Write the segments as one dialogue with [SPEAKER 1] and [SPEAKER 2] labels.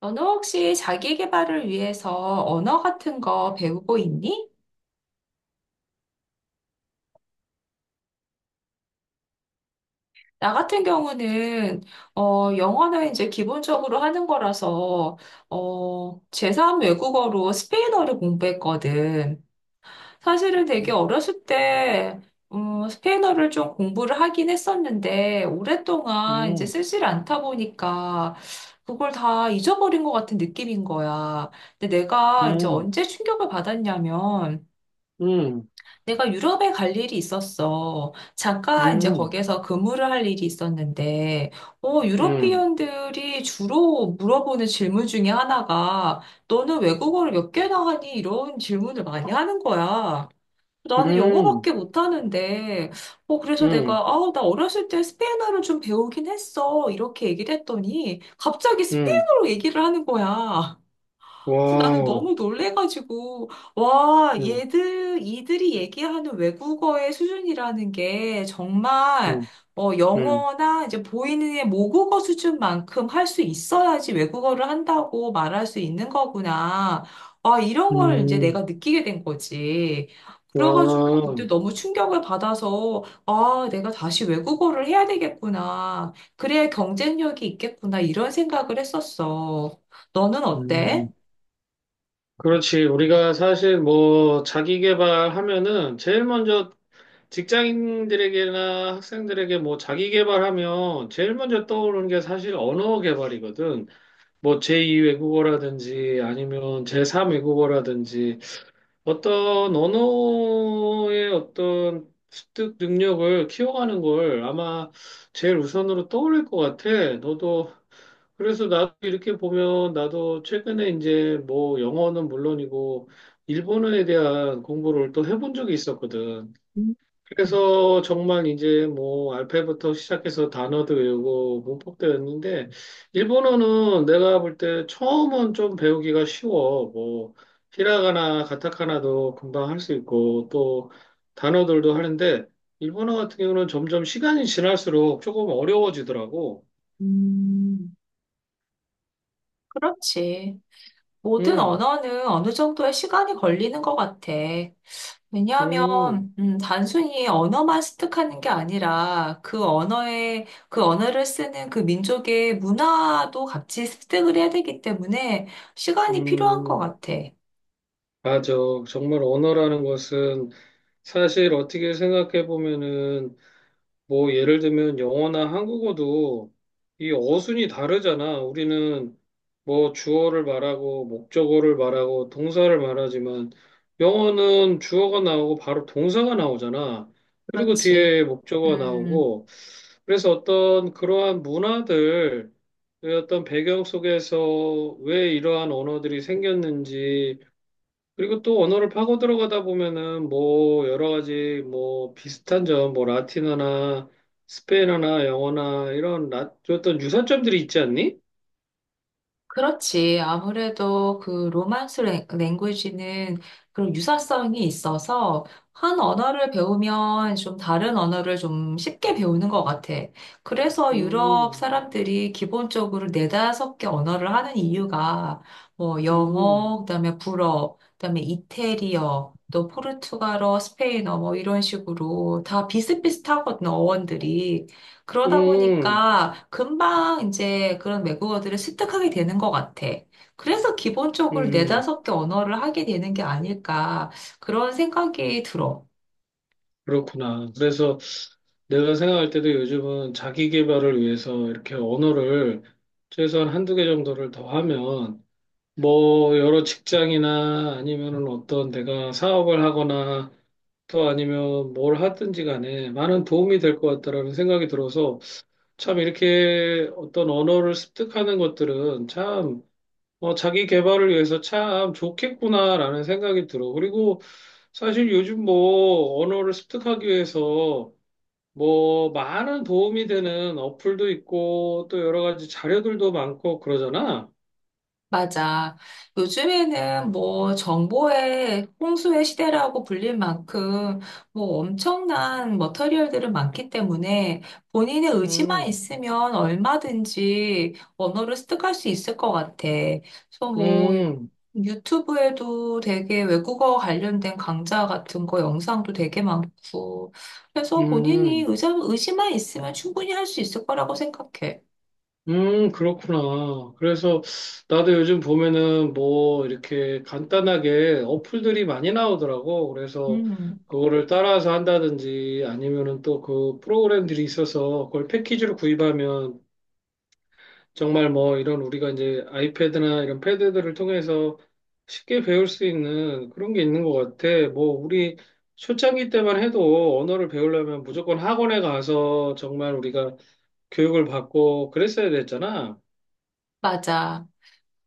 [SPEAKER 1] 너는 혹시 자기 개발을 위해서 언어 같은 거 배우고 있니? 나 같은 경우는 영어는 이제 기본적으로 하는 거라서 제3 외국어로 스페인어를 공부했거든. 사실은 되게 어렸을 때 스페인어를 좀 공부를 하긴 했었는데 오랫동안 이제
[SPEAKER 2] 음.
[SPEAKER 1] 쓰질 않다 보니까 그걸 다 잊어버린 것 같은 느낌인 거야. 근데 내가 이제
[SPEAKER 2] 음.
[SPEAKER 1] 언제 충격을 받았냐면
[SPEAKER 2] 음.
[SPEAKER 1] 내가 유럽에 갈 일이 있었어. 잠깐 이제
[SPEAKER 2] 음.
[SPEAKER 1] 거기에서 근무를 할 일이 있었는데,
[SPEAKER 2] 음.
[SPEAKER 1] 유러피언들이 주로 물어보는 질문 중에 하나가, 너는 외국어를 몇 개나 하니? 이런 질문을 많이 하는 거야. 나는
[SPEAKER 2] 음.
[SPEAKER 1] 영어밖에 못하는데, 그래서
[SPEAKER 2] 음.
[SPEAKER 1] 내가, 아, 나 어렸을 때 스페인어를 좀 배우긴 했어. 이렇게 얘기를 했더니, 갑자기
[SPEAKER 2] 음.
[SPEAKER 1] 스페인어로 얘기를 하는 거야. 그래서 나는
[SPEAKER 2] 와우.
[SPEAKER 1] 너무 놀래가지고, 와,
[SPEAKER 2] 음.
[SPEAKER 1] 이들이 얘기하는 외국어의 수준이라는 게 정말,
[SPEAKER 2] 음. 음.
[SPEAKER 1] 영어나 이제 보이는 의 모국어 수준만큼 할 수 있어야지 외국어를 한다고 말할 수 있는 거구나. 아, 이런 걸 이제
[SPEAKER 2] 음.
[SPEAKER 1] 내가 느끼게 된 거지. 그래가지고
[SPEAKER 2] 와.
[SPEAKER 1] 그때 너무 충격을 받아서, 아, 내가 다시 외국어를 해야 되겠구나. 그래야 경쟁력이 있겠구나. 이런 생각을 했었어. 너는 어때?
[SPEAKER 2] 음. 그렇지. 우리가 사실 뭐 자기 개발하면은 제일 먼저 직장인들에게나 학생들에게 뭐 자기 개발하면 제일 먼저 떠오르는 게 사실 언어 개발이거든. 뭐 제2 외국어라든지 아니면 제3 외국어라든지 어떤 언어의 어떤 습득 능력을 키워가는 걸 아마 제일 우선으로 떠올릴 것 같아. 너도, 그래서 나도 이렇게 보면 나도 최근에 이제 뭐 영어는 물론이고 일본어에 대한 공부를 또 해본 적이 있었거든. 그래서 정말 이제 뭐 알파벳부터 시작해서 단어도 외우고 문법도 외웠는데 일본어는 내가 볼 때 처음은 좀 배우기가 쉬워. 뭐 히라가나 가타카나도 금방 할 수 있고 또 단어들도 하는데 일본어 같은 경우는 점점 시간이 지날수록 조금 어려워지더라고.
[SPEAKER 1] 음, 그렇지. 모든
[SPEAKER 2] 음.
[SPEAKER 1] 언어는 어느 정도의 시간이 걸리는 것 같아.
[SPEAKER 2] 음.
[SPEAKER 1] 왜냐하면, 단순히 언어만 습득하는 게 아니라 그 언어를 쓰는 그 민족의 문화도 같이 습득을 해야 되기 때문에 시간이 필요한 것
[SPEAKER 2] 음.
[SPEAKER 1] 같아.
[SPEAKER 2] 맞아. 정말 언어라는 것은 사실 어떻게 생각해 보면은 뭐 예를 들면 영어나 한국어도 이 어순이 다르잖아. 우리는 뭐 주어를 말하고 목적어를 말하고 동사를 말하지만 영어는 주어가 나오고 바로 동사가 나오잖아. 그리고
[SPEAKER 1] 그렇지.
[SPEAKER 2] 뒤에 목적어가
[SPEAKER 1] 음.
[SPEAKER 2] 나오고, 그래서 어떤 그러한 문화들, 어떤 배경 속에서 왜 이러한 언어들이 생겼는지, 그리고 또 언어를 파고 들어가다 보면은 뭐 여러 가지, 뭐 비슷한 점, 뭐 라틴어나 스페인어나 영어나 이런 어떤 유사점들이 있지 않니?
[SPEAKER 1] 그렇지. 아무래도 그 로만스 랭귀지는 그런 유사성이 있어서 한 언어를 배우면 좀 다른 언어를 좀 쉽게 배우는 것 같아. 그래서 유럽
[SPEAKER 2] 음.
[SPEAKER 1] 사람들이 기본적으로 네다섯 개 언어를 하는 이유가 뭐
[SPEAKER 2] 음.
[SPEAKER 1] 영어, 그다음에 불어, 그다음에 이태리어, 또 포르투갈어, 스페인어 뭐 이런 식으로 다 비슷비슷하거든, 어원들이. 그러다
[SPEAKER 2] 음.
[SPEAKER 1] 보니까 금방 이제 그런 외국어들을 습득하게 되는 것 같아. 그래서 기본적으로
[SPEAKER 2] 음.
[SPEAKER 1] 네다섯 개 언어를 하게 되는 게 아닐까 그런 생각이 들어.
[SPEAKER 2] 그렇구나. 그래서 내가 생각할 때도 요즘은 자기 개발을 위해서 이렇게 언어를 최소한 한 두 개 정도를 더 하면 뭐 여러 직장이나 아니면은 어떤 내가 사업을 하거나 또 아니면 뭘 하든지 간에 많은 도움이 될 것 같다라는 생각이 들어서, 참 이렇게 어떤 언어를 습득하는 것들은 참, 자기 개발을 위해서 참 좋겠구나라는 생각이 들어. 그리고 사실 요즘 뭐 언어를 습득하기 위해서 뭐 많은 도움이 되는 어플도 있고 또 여러 가지 자료들도 많고 그러잖아.
[SPEAKER 1] 맞아. 요즘에는 뭐 정보의 홍수의 시대라고 불릴 만큼 뭐 엄청난 머터리얼들은 많기 때문에 본인의 의지만
[SPEAKER 2] 음.
[SPEAKER 1] 있으면 얼마든지 언어를 습득할 수 있을 것 같아. 그래서 뭐
[SPEAKER 2] 음.
[SPEAKER 1] 유튜브에도 되게 외국어 관련된 강좌 같은 거 영상도 되게 많고. 그래서 본인이
[SPEAKER 2] 음.
[SPEAKER 1] 의지만 있으면 충분히 할 수 있을 거라고 생각해.
[SPEAKER 2] 음. 그렇구나. 그래서 나도 요즘 보면은 뭐 이렇게 간단하게 어플들이 많이 나오더라고. 그래서
[SPEAKER 1] 음,
[SPEAKER 2] 그거를 따라서 한다든지 아니면은 또 그 프로그램들이 있어서 그걸 패키지로 구입하면 정말 뭐 이런, 우리가 이제 아이패드나 이런 패드들을 통해서 쉽게 배울 수 있는 그런 게 있는 것 같아. 뭐 우리 초창기 때만 해도 언어를 배우려면 무조건 학원에 가서 정말 우리가 교육을 받고 그랬어야 됐잖아.
[SPEAKER 1] 맞아.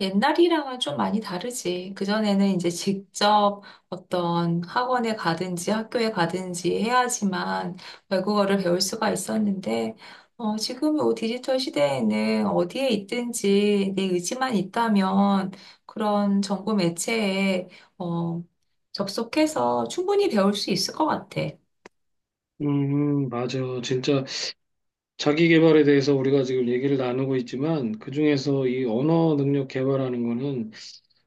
[SPEAKER 1] 옛날이랑은 좀 많이 다르지. 그전에는 이제 직접 어떤 학원에 가든지 학교에 가든지 해야지만 외국어를 배울 수가 있었는데, 지금 이 디지털 시대에는 어디에 있든지 내 의지만 있다면 그런 정보 매체에 어, 접속해서 충분히 배울 수 있을 것 같아.
[SPEAKER 2] 음. 맞아. 진짜 자기 개발에 대해서 우리가 지금 얘기를 나누고 있지만 그중에서 이 언어 능력 개발하는 거는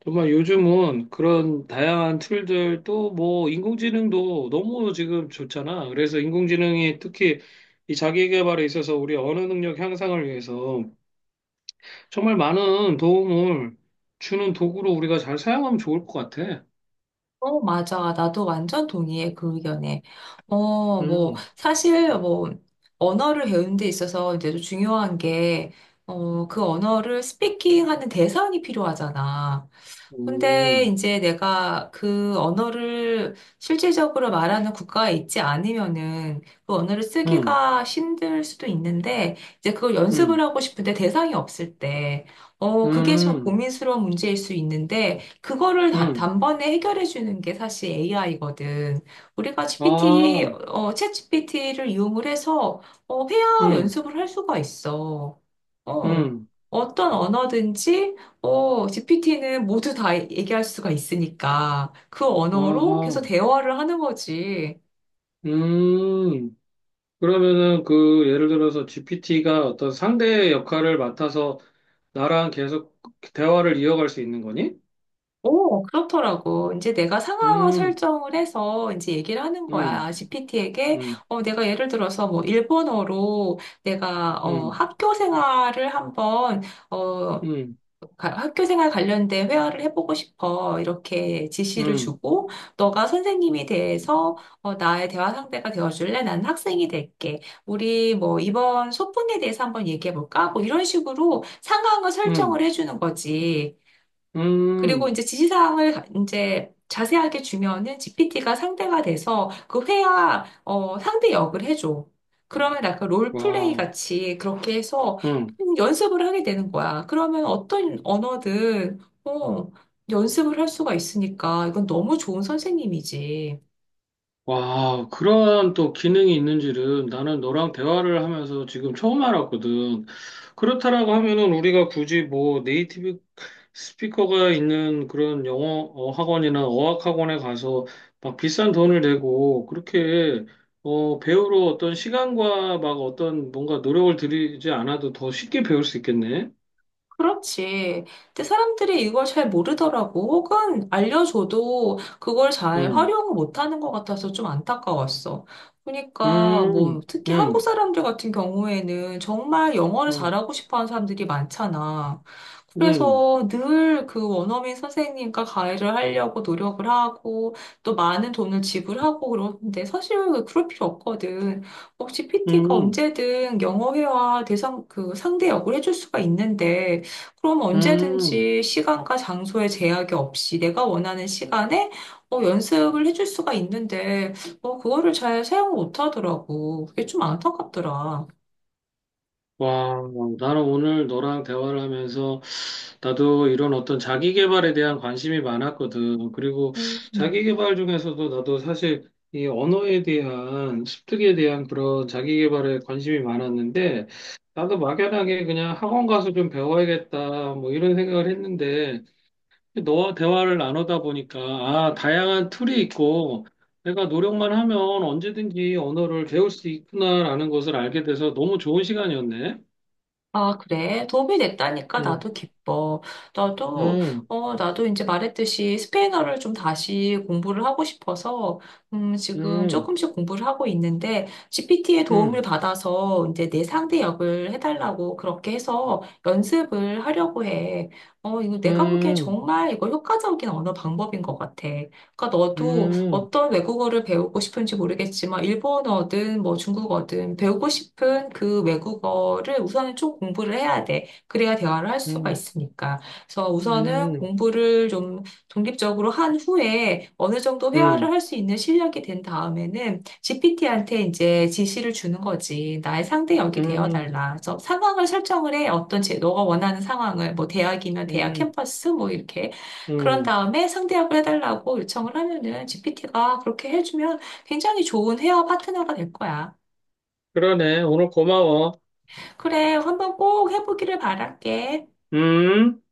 [SPEAKER 2] 정말 요즘은 그런 다양한 툴들, 또 뭐 인공지능도 너무 지금 좋잖아. 그래서 인공지능이 특히 이 자기 개발에 있어서 우리 언어 능력 향상을 위해서 정말 많은 도움을 주는 도구로 우리가 잘 사용하면 좋을 것 같아.
[SPEAKER 1] 맞아. 나도 완전 동의해, 그 의견에. 어, 뭐,
[SPEAKER 2] 음.
[SPEAKER 1] 사실, 뭐, 언어를 배우는 데 있어서 이제 좀 중요한 게, 그 언어를 스피킹 하는 대상이 필요하잖아. 근데
[SPEAKER 2] 음.
[SPEAKER 1] 이제 내가 그 언어를 실질적으로 말하는 국가에 있지 않으면은 그 언어를
[SPEAKER 2] 음.
[SPEAKER 1] 쓰기가 힘들 수도 있는데 이제 그걸 연습을
[SPEAKER 2] 음.
[SPEAKER 1] 하고 싶은데 대상이 없을 때, 그게 좀
[SPEAKER 2] 음.
[SPEAKER 1] 고민스러운 문제일 수 있는데 그거를
[SPEAKER 2] 음.
[SPEAKER 1] 단번에 해결해 주는 게 사실 AI거든. 우리가 GPT,
[SPEAKER 2] 아.
[SPEAKER 1] 어, 챗 GPT를 이용을 해서 회화
[SPEAKER 2] 음.
[SPEAKER 1] 연습을 할 수가 있어. 어,
[SPEAKER 2] 음.
[SPEAKER 1] 어떤 언어든지 GPT는 모두 다 얘기할 수가 있으니까 그 언어로 계속
[SPEAKER 2] 아하.
[SPEAKER 1] 대화를 하는 거지.
[SPEAKER 2] 음. 그러면은 그 예를 들어서 GPT가 어떤 상대의 역할을 맡아서 나랑 계속 대화를 이어갈 수 있는 거니?
[SPEAKER 1] 오, 그렇더라고. 이제 내가 상황을
[SPEAKER 2] 음.
[SPEAKER 1] 설정을 해서 이제 얘기를 하는
[SPEAKER 2] 음.
[SPEAKER 1] 거야. GPT에게,
[SPEAKER 2] 음.
[SPEAKER 1] 내가 예를 들어서 뭐 일본어로 내가, 어,
[SPEAKER 2] 음.
[SPEAKER 1] 학교 생활을 한번, 어,
[SPEAKER 2] 음.
[SPEAKER 1] 가- 학교 생활 관련된 회화를 해보고 싶어. 이렇게 지시를
[SPEAKER 2] 음.
[SPEAKER 1] 주고, 너가 선생님이 돼서, 나의 대화 상대가 되어줄래? 나는 학생이 될게. 우리 뭐 이번 소풍에 대해서 한번 얘기해볼까? 뭐 이런 식으로 상황을 설정을
[SPEAKER 2] 음.
[SPEAKER 1] 해주는 거지. 그리고
[SPEAKER 2] 음.
[SPEAKER 1] 이제 지시사항을 이제 자세하게 주면은 GPT가 상대가 돼서 그 회화 상대 역을 해줘. 그러면 약간 롤플레이
[SPEAKER 2] 와.
[SPEAKER 1] 같이 그렇게 해서 연습을 하게 되는 거야. 그러면 어떤 언어든 연습을 할 수가 있으니까 이건 너무 좋은 선생님이지.
[SPEAKER 2] 와, 그런 또 기능이 있는 줄은 나는 너랑 대화를 하면서 지금 처음 알았거든. 그렇다라고 하면은 우리가 굳이 뭐 네이티브 스피커가 있는 그런 영어 학원이나 어학 학원에 가서 막 비싼 돈을 내고 그렇게 배우러 어떤 시간과 막 어떤 뭔가 노력을 들이지 않아도 더 쉽게 배울 수 있겠네.
[SPEAKER 1] 그렇지. 근데 사람들이 이걸 잘 모르더라고. 혹은 알려줘도 그걸 잘
[SPEAKER 2] 음.
[SPEAKER 1] 활용을 못하는 것 같아서 좀 안타까웠어. 그러니까
[SPEAKER 2] 음.
[SPEAKER 1] 뭐 특히 한국
[SPEAKER 2] 음.
[SPEAKER 1] 사람들 같은 경우에는 정말 영어를
[SPEAKER 2] 음.
[SPEAKER 1] 잘하고 싶어하는 사람들이 많잖아.
[SPEAKER 2] 음.
[SPEAKER 1] 그래서 늘 그 원어민 선생님과 가이를 하려고 노력을 하고 또 많은 돈을 지불하고 그러는데 사실 그럴 필요 없거든. 혹시 PT가
[SPEAKER 2] 음. 음.
[SPEAKER 1] 언제든 영어 회화 대상 그 상대 역을 해줄 수가 있는데 그럼
[SPEAKER 2] 음.
[SPEAKER 1] 언제든지 시간과 장소에 제약이 없이 내가 원하는 시간에 연습을 해줄 수가 있는데, 그거를 잘 사용 못 하더라고. 그게 좀 안타깝더라.
[SPEAKER 2] 와, 나는 오늘 너랑 대화를 하면서 나도 이런 어떤 자기 개발에 대한 관심이 많았거든. 그리고
[SPEAKER 1] 음.
[SPEAKER 2] 자기
[SPEAKER 1] 음.
[SPEAKER 2] 개발 중에서도 나도 사실 이 언어에 대한 습득에 대한 그런 자기 개발에 관심이 많았는데, 나도 막연하게 그냥 학원 가서 좀 배워야겠다, 뭐 이런 생각을 했는데 너와 대화를 나누다 보니까 아, 다양한 툴이 있고 내가 노력만 하면 언제든지 언어를 배울 수 있구나라는 것을 알게 돼서 너무 좋은 시간이었네.
[SPEAKER 1] 아, 그래. 도움이 됐다니까
[SPEAKER 2] 음.
[SPEAKER 1] 나도 기뻐. 나도,
[SPEAKER 2] 음.
[SPEAKER 1] 나도 이제 말했듯이 스페인어를 좀 다시 공부를 하고 싶어서, 지금
[SPEAKER 2] 음.
[SPEAKER 1] 조금씩 공부를 하고 있는데, GPT의 도움을
[SPEAKER 2] 음.
[SPEAKER 1] 받아서 이제 내 상대 역을 해달라고 그렇게 해서 연습을 하려고 해. 이거 내가 보기엔
[SPEAKER 2] 음.
[SPEAKER 1] 정말 이거 효과적인 언어 방법인 것 같아. 그러니까
[SPEAKER 2] 음.
[SPEAKER 1] 너도
[SPEAKER 2] 음.
[SPEAKER 1] 어떤 외국어를 배우고 싶은지 모르겠지만 일본어든 뭐 중국어든 배우고 싶은 그 외국어를 우선은 좀 공부를 해야 돼. 그래야 대화를 할 수가
[SPEAKER 2] 음.
[SPEAKER 1] 있으니까. 그래서 우선은 공부를 좀 독립적으로 한 후에 어느 정도
[SPEAKER 2] 음.
[SPEAKER 1] 회화를 할 수 있는 실력이 된 다음에는 GPT한테 이제 지시를 주는 거지. 나의 상대 역이 되어
[SPEAKER 2] 음.
[SPEAKER 1] 달라. 그래서 상황을 설정을 해. 어떤 제 너가 원하는 상황을 뭐 대학이면 대학
[SPEAKER 2] 음.
[SPEAKER 1] 캠퍼스 뭐 이렇게 그런
[SPEAKER 2] 음.
[SPEAKER 1] 다음에 상대합을 해달라고 요청을 하면은 GPT가 그렇게 해주면 굉장히 좋은 헤어 파트너가 될 거야.
[SPEAKER 2] 그러네. 오늘 고마워.
[SPEAKER 1] 그래, 한번 꼭 해보기를 바랄게.
[SPEAKER 2] 음.